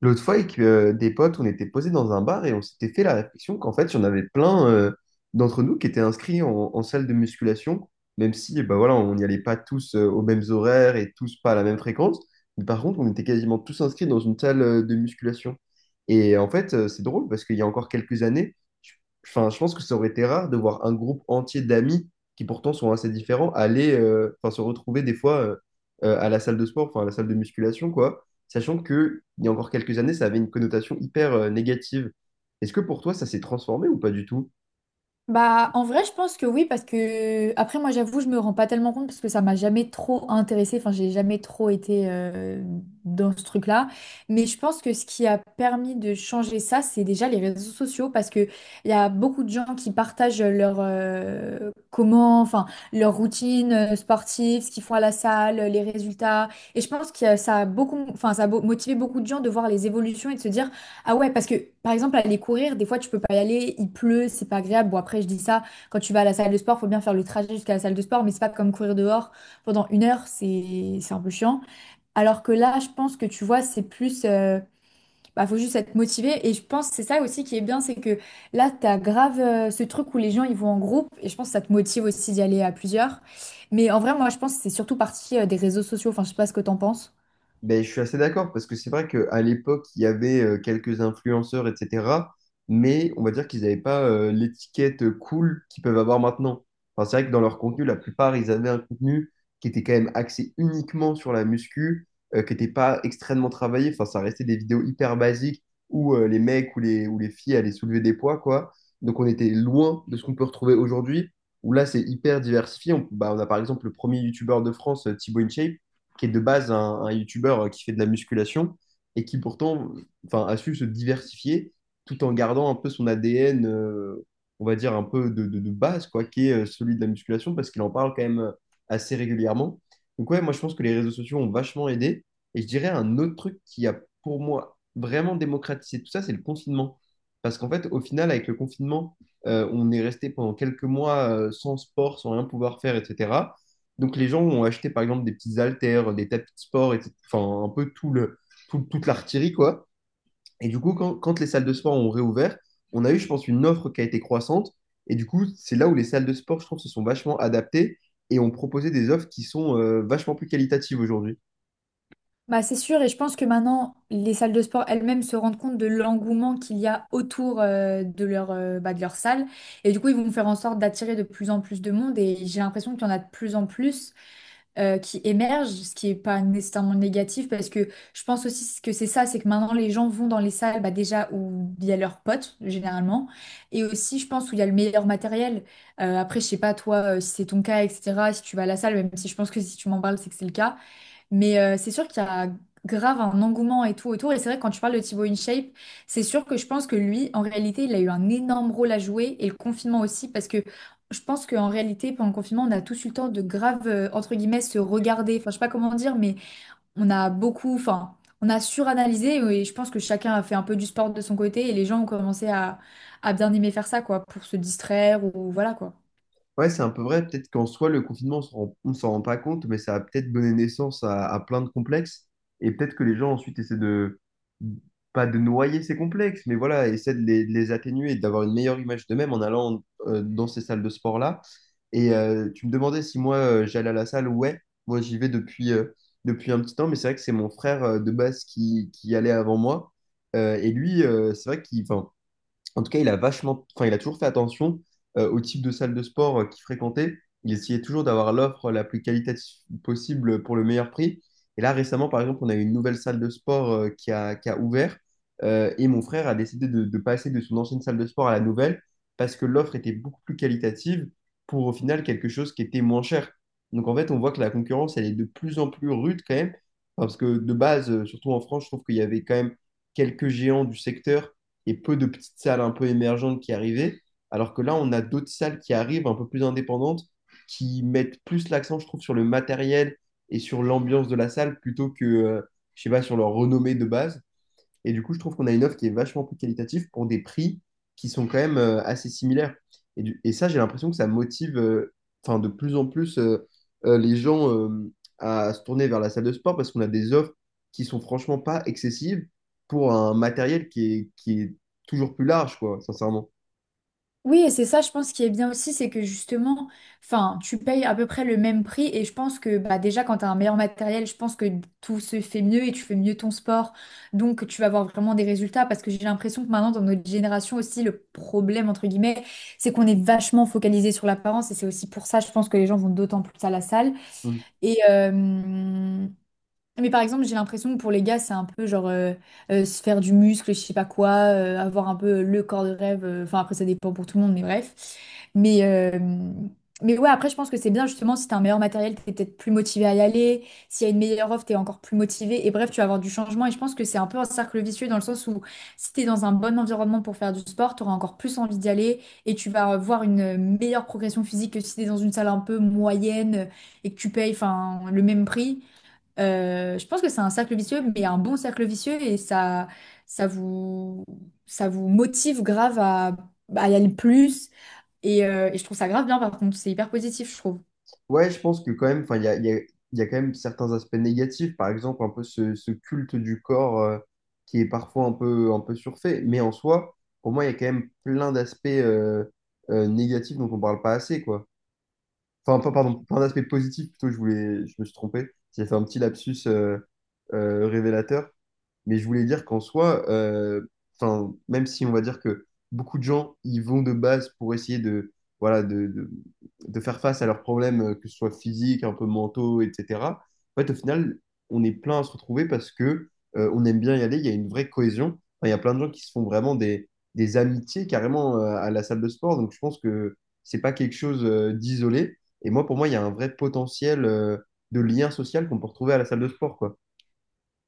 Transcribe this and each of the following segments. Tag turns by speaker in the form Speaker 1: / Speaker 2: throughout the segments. Speaker 1: L'autre fois, avec des potes, on était posés dans un bar et on s'était fait la réflexion qu'en fait, il y en avait plein d'entre nous qui étaient inscrits en salle de musculation, même si bah voilà, on n'y allait pas tous aux mêmes horaires et tous pas à la même fréquence. Mais par contre, on était quasiment tous inscrits dans une salle de musculation. Et en fait, c'est drôle parce qu'il y a encore quelques années, je, enfin, je pense que ça aurait été rare de voir un groupe entier d'amis qui pourtant sont assez différents aller enfin, se retrouver des fois à la salle de sport, enfin à la salle de musculation, quoi, sachant qu'il y a encore quelques années, ça avait une connotation hyper négative. Est-ce que pour toi, ça s'est transformé ou pas du tout?
Speaker 2: Bah, en vrai, je pense que oui, parce que après, moi, j'avoue, je me rends pas tellement compte parce que ça m'a jamais trop intéressée. Enfin, j'ai jamais trop été dans ce truc-là. Mais je pense que ce qui a permis de changer ça, c'est déjà les réseaux sociaux parce que il y a beaucoup de gens qui partagent leur comment, enfin, leur routine sportive, ce qu'ils font à la salle, les résultats. Et je pense que ça a beaucoup, enfin, motivé beaucoup de gens de voir les évolutions et de se dire. Ah ouais, parce que par exemple, aller courir, des fois tu peux pas y aller, il pleut, c'est pas agréable. Bon, après, je dis ça, quand tu vas à la salle de sport, faut bien faire le trajet jusqu'à la salle de sport, mais c'est pas comme courir dehors pendant une heure, c'est un peu chiant. Alors que là, je pense que tu vois, c'est plus. Bah, faut juste être motivé. Et je pense que c'est ça aussi qui est bien, c'est que là, t'as grave ce truc où les gens ils vont en groupe, et je pense que ça te motive aussi d'y aller à plusieurs. Mais en vrai, moi, je pense que c'est surtout parti des réseaux sociaux, enfin, je sais pas ce que t'en penses.
Speaker 1: Ben, je suis assez d'accord parce que c'est vrai qu'à l'époque, il y avait quelques influenceurs, etc. Mais on va dire qu'ils n'avaient pas l'étiquette cool qu'ils peuvent avoir maintenant. Enfin, c'est vrai que dans leur contenu, la plupart, ils avaient un contenu qui était quand même axé uniquement sur la muscu, qui n'était pas extrêmement travaillé. Enfin, ça restait des vidéos hyper basiques où les mecs ou ou les filles allaient soulever des poids, quoi. Donc on était loin de ce qu'on peut retrouver aujourd'hui, où là, c'est hyper diversifié. Bah, on a par exemple le premier youtubeur de France, Thibaut InShape qui est de base un youtubeur qui fait de la musculation et qui pourtant enfin, a su se diversifier tout en gardant un peu son ADN, on va dire un peu de base, quoi, qui est celui de la musculation parce qu'il en parle quand même assez régulièrement. Donc, ouais, moi je pense que les réseaux sociaux ont vachement aidé. Et je dirais un autre truc qui a pour moi vraiment démocratisé tout ça, c'est le confinement. Parce qu'en fait, au final, avec le confinement, on est resté pendant quelques mois sans sport, sans rien pouvoir faire, etc. Donc les gens ont acheté par exemple des petits haltères, des tapis de sport, etc. Enfin, un peu tout toute l'artillerie, quoi. Et du coup, quand les salles de sport ont réouvert, on a eu, je pense, une offre qui a été croissante. Et du coup, c'est là où les salles de sport, je trouve, se sont vachement adaptées et ont proposé des offres qui sont vachement plus qualitatives aujourd'hui.
Speaker 2: Bah, c'est sûr, et je pense que maintenant, les salles de sport elles-mêmes se rendent compte de l'engouement qu'il y a autour de leur, bah, de leur salle. Et du coup, ils vont faire en sorte d'attirer de plus en plus de monde. Et j'ai l'impression qu'il y en a de plus en plus qui émergent, ce qui n'est pas nécessairement négatif, parce que je pense aussi que c'est ça, c'est que maintenant, les gens vont dans les salles bah, déjà où il y a leurs potes, généralement, et aussi, je pense, où il y a le meilleur matériel. Après, je sais pas, toi, si c'est ton cas, etc., si tu vas à la salle, même si je pense que si tu m'en parles, c'est que c'est le cas. Mais c'est sûr qu'il y a grave un engouement et tout autour. Et c'est vrai, que quand tu parles de Thibaut InShape, c'est sûr que je pense que lui, en réalité, il a eu un énorme rôle à jouer et le confinement aussi, parce que je pense qu'en réalité, pendant le confinement, on a tous eu le temps de grave, entre guillemets, se regarder. Enfin, je sais pas comment dire, mais on a beaucoup, enfin, on a suranalysé et je pense que chacun a fait un peu du sport de son côté et les gens ont commencé à bien aimer faire ça, quoi, pour se distraire ou voilà, quoi.
Speaker 1: Ouais, c'est un peu vrai. Peut-être qu'en soi, le confinement, on s'en rend pas compte, mais ça a peut-être donné naissance à plein de complexes. Et peut-être que les gens ensuite pas de noyer ces complexes, mais voilà, essaient de de les atténuer et d'avoir une meilleure image d'eux-mêmes en allant dans ces salles de sport-là. Et tu me demandais si moi, j'allais à la salle. Ouais, moi, depuis un petit temps, mais c'est vrai que c'est mon frère de base qui y allait avant moi. Et lui, c'est vrai qu'il, enfin, en tout cas, il a vachement, enfin, il a toujours fait attention au type de salle de sport qu'il fréquentait. Il essayait toujours d'avoir l'offre la plus qualitative possible pour le meilleur prix. Et là, récemment, par exemple, on a eu une nouvelle salle de sport qui a ouvert. Et mon frère a décidé de passer de son ancienne salle de sport à la nouvelle parce que l'offre était beaucoup plus qualitative pour au final quelque chose qui était moins cher. Donc en fait, on voit que la concurrence, elle est de plus en plus rude quand même. Enfin, parce que de base, surtout en France, je trouve qu'il y avait quand même quelques géants du secteur et peu de petites salles un peu émergentes qui arrivaient. Alors que là, on a d'autres salles qui arrivent un peu plus indépendantes, qui mettent plus l'accent, je trouve, sur le matériel et sur l'ambiance de la salle plutôt que, je sais pas, sur leur renommée de base. Et du coup, je trouve qu'on a une offre qui est vachement plus qualitative pour des prix qui sont quand même assez similaires. Et ça, j'ai l'impression que ça motive enfin, de plus en plus les gens à se tourner vers la salle de sport parce qu'on a des offres qui sont franchement pas excessives pour un matériel qui est toujours plus large, quoi, sincèrement.
Speaker 2: Oui, et c'est ça, je pense, qui est bien aussi, c'est que justement, enfin, tu payes à peu près le même prix. Et je pense que bah, déjà, quand tu as un meilleur matériel, je pense que tout se fait mieux et tu fais mieux ton sport. Donc, tu vas avoir vraiment des résultats. Parce que j'ai l'impression que maintenant, dans notre génération aussi, le problème, entre guillemets, c'est qu'on est vachement focalisé sur l'apparence. Et c'est aussi pour ça, je pense, que les gens vont d'autant plus à la salle.
Speaker 1: Mm.
Speaker 2: Et, euh, mais par exemple, j'ai l'impression que pour les gars, c'est un peu genre se faire du muscle, je sais pas quoi, avoir un peu le corps de rêve. Enfin, après, ça dépend pour tout le monde, mais bref. Mais, euh, mais ouais, après, je pense que c'est bien justement si t'as un meilleur matériel, t'es peut-être plus motivé à y aller. S'il y a une meilleure offre, t'es encore plus motivé. Et bref, tu vas avoir du changement. Et je pense que c'est un peu un cercle vicieux dans le sens où si t'es dans un bon environnement pour faire du sport, t'auras encore plus envie d'y aller et tu vas voir une meilleure progression physique que si t'es dans une salle un peu moyenne et que tu payes enfin, le même prix. Je pense que c'est un cercle vicieux, mais un bon cercle vicieux et ça, ça vous, ça vous motive grave à y aller plus. Et je trouve ça grave bien, par contre, c'est hyper positif, je trouve.
Speaker 1: Ouais, je pense que quand même, enfin, il y a quand même certains aspects négatifs, par exemple un peu ce culte du corps qui est parfois un peu surfait, mais en soi, pour moi, il y a quand même plein d'aspects négatifs dont on parle pas assez, quoi. Enfin, pas, pardon, plein d'aspects positifs, plutôt, je voulais, je me suis trompé, j'ai fait un petit lapsus révélateur, mais je voulais dire qu'en soi, 'fin, même si on va dire que beaucoup de gens ils vont de base pour voilà, de faire face à leurs problèmes, que ce soit physiques, un peu mentaux, etc. En fait, au final, on est plein à se retrouver parce que on aime bien y aller, il y a une vraie cohésion. Enfin, il y a plein de gens qui se font vraiment des amitiés carrément à la salle de sport. Donc je pense que c'est pas quelque chose d'isolé. Et moi, pour moi, il y a un vrai potentiel de lien social qu'on peut retrouver à la salle de sport, quoi.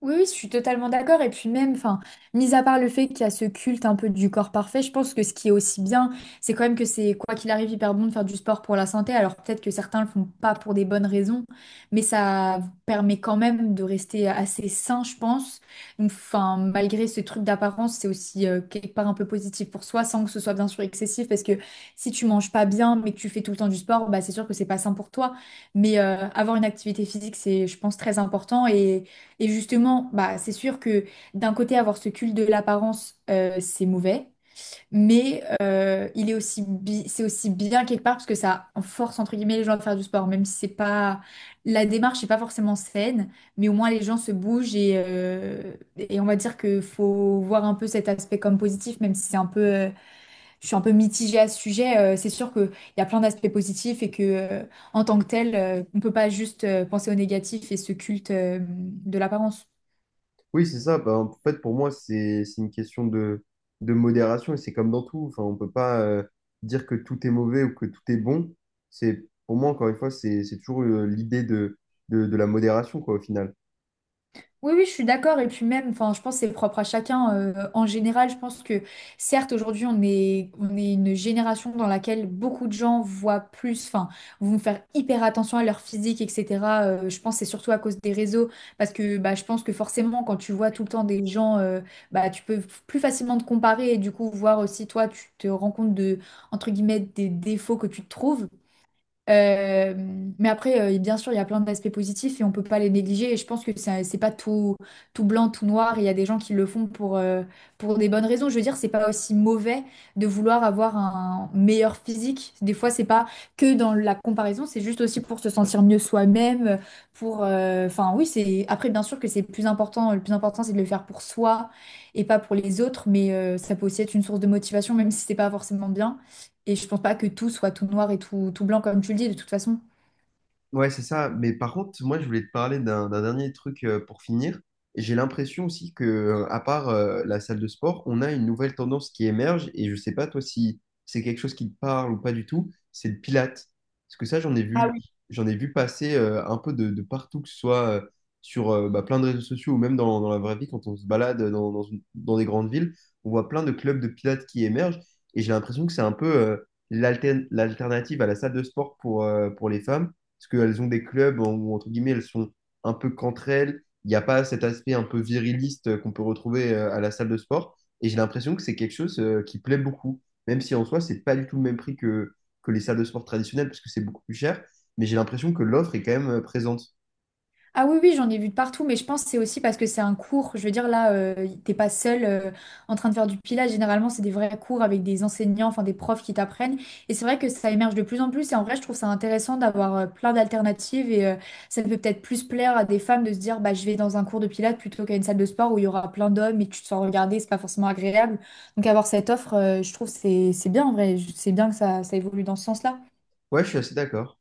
Speaker 2: Oui, oui, je suis totalement d'accord. Et puis même, enfin, mis à part le fait qu'il y a ce culte un peu du corps parfait, je pense que ce qui est aussi bien, c'est quand même que c'est, quoi qu'il arrive, hyper bon de faire du sport pour la santé. Alors peut-être que certains le font pas pour des bonnes raisons, mais ça permet quand même de rester assez sain, je pense. Donc, enfin, malgré ce truc d'apparence, c'est aussi quelque part un peu positif pour soi, sans que ce soit bien sûr excessif, parce que si tu manges pas bien, mais que tu fais tout le temps du sport, bah c'est sûr que c'est pas sain pour toi. Mais avoir une activité physique, c'est, je pense, très important et justement, bah, c'est sûr que d'un côté, avoir ce culte de l'apparence, c'est mauvais, mais il est aussi bi- c'est aussi bien quelque part parce que ça force, entre guillemets, les gens à faire du sport, même si c'est pas… La démarche n'est pas forcément saine, mais au moins les gens se bougent et et on va dire qu'il faut voir un peu cet aspect comme positif, même si c'est un peu… Je suis un peu mitigée à ce sujet. C'est sûr qu'il y a plein d'aspects positifs en tant que tel, on peut pas juste penser au négatif et ce culte de l'apparence.
Speaker 1: Oui, c'est ça. Bah, en fait, pour moi, c'est une question de modération et c'est comme dans tout. Enfin, on peut pas dire que tout est mauvais ou que tout est bon. C'est, pour moi, encore une fois, c'est toujours l'idée de la modération, quoi, au final.
Speaker 2: Oui, oui, je suis d'accord. Et puis même, enfin, je pense que c'est propre à chacun. En général, je pense que certes, aujourd'hui, on est une génération dans laquelle beaucoup de gens voient plus, enfin, vont faire hyper attention à leur physique, etc. Je pense que c'est surtout à cause des réseaux. Parce que bah, je pense que forcément, quand tu vois tout le temps des gens, bah, tu peux plus facilement te comparer et du coup voir aussi toi, tu te rends compte de, entre guillemets, des défauts que tu te trouves. Euh, mais après, bien sûr, il y a plein d'aspects positifs et on peut pas les négliger. Et je pense que c'est pas tout, tout blanc, tout noir. Il y a des gens qui le font pour des bonnes raisons. Je veux dire, c'est pas aussi mauvais de vouloir avoir un meilleur physique. Des fois, c'est pas que dans la comparaison, c'est juste aussi pour se sentir mieux soi-même. Enfin, oui, c'est. Après, bien sûr que c'est plus important. Le plus important, c'est de le faire pour soi et pas pour les autres. Mais ça peut aussi être une source de motivation, même si c'est pas forcément bien. Et je pense pas que tout soit tout noir et tout, tout blanc, comme tu le dis, de toute façon.
Speaker 1: Ouais, c'est ça. Mais par contre, moi, je voulais te parler d'un dernier truc pour finir. J'ai l'impression aussi que, à part la salle de sport, on a une nouvelle tendance qui émerge. Et je sais pas, toi, si c'est quelque chose qui te parle ou pas du tout, c'est le Pilates. Parce que ça,
Speaker 2: Ah oui.
Speaker 1: j'en ai vu passer un peu de partout, que ce soit sur bah, plein de réseaux sociaux ou même dans la vraie vie, quand on se balade dans des grandes villes, on voit plein de clubs de Pilates qui émergent. Et j'ai l'impression que c'est un peu l'alternative à la salle de sport pour les femmes parce qu'elles ont des clubs où, entre guillemets, elles sont un peu qu'entre elles. Il n'y a pas cet aspect un peu viriliste qu'on peut retrouver à la salle de sport. Et j'ai l'impression que c'est quelque chose qui plaît beaucoup, même si en soi, c'est pas du tout le même prix que les salles de sport traditionnelles, parce que c'est beaucoup plus cher. Mais j'ai l'impression que l'offre est quand même présente.
Speaker 2: Ah oui, oui, j'en ai vu de partout, mais je pense que c'est aussi parce que c'est un cours. Je veux dire, là, t'es pas seul en train de faire du pilage. Généralement, c'est des vrais cours avec des enseignants, enfin des profs qui t'apprennent. Et c'est vrai que ça émerge de plus en plus. Et en vrai, je trouve ça intéressant d'avoir plein d'alternatives. Ça peut peut-être plus plaire à des femmes de se dire, bah, je vais dans un cours de pilates plutôt qu'à une salle de sport où il y aura plein d'hommes et tu te sens regarder, c'est pas forcément agréable. Donc avoir cette offre, je trouve que c'est bien en vrai. C'est bien que ça évolue dans ce sens-là.
Speaker 1: Ouais, je suis assez d'accord.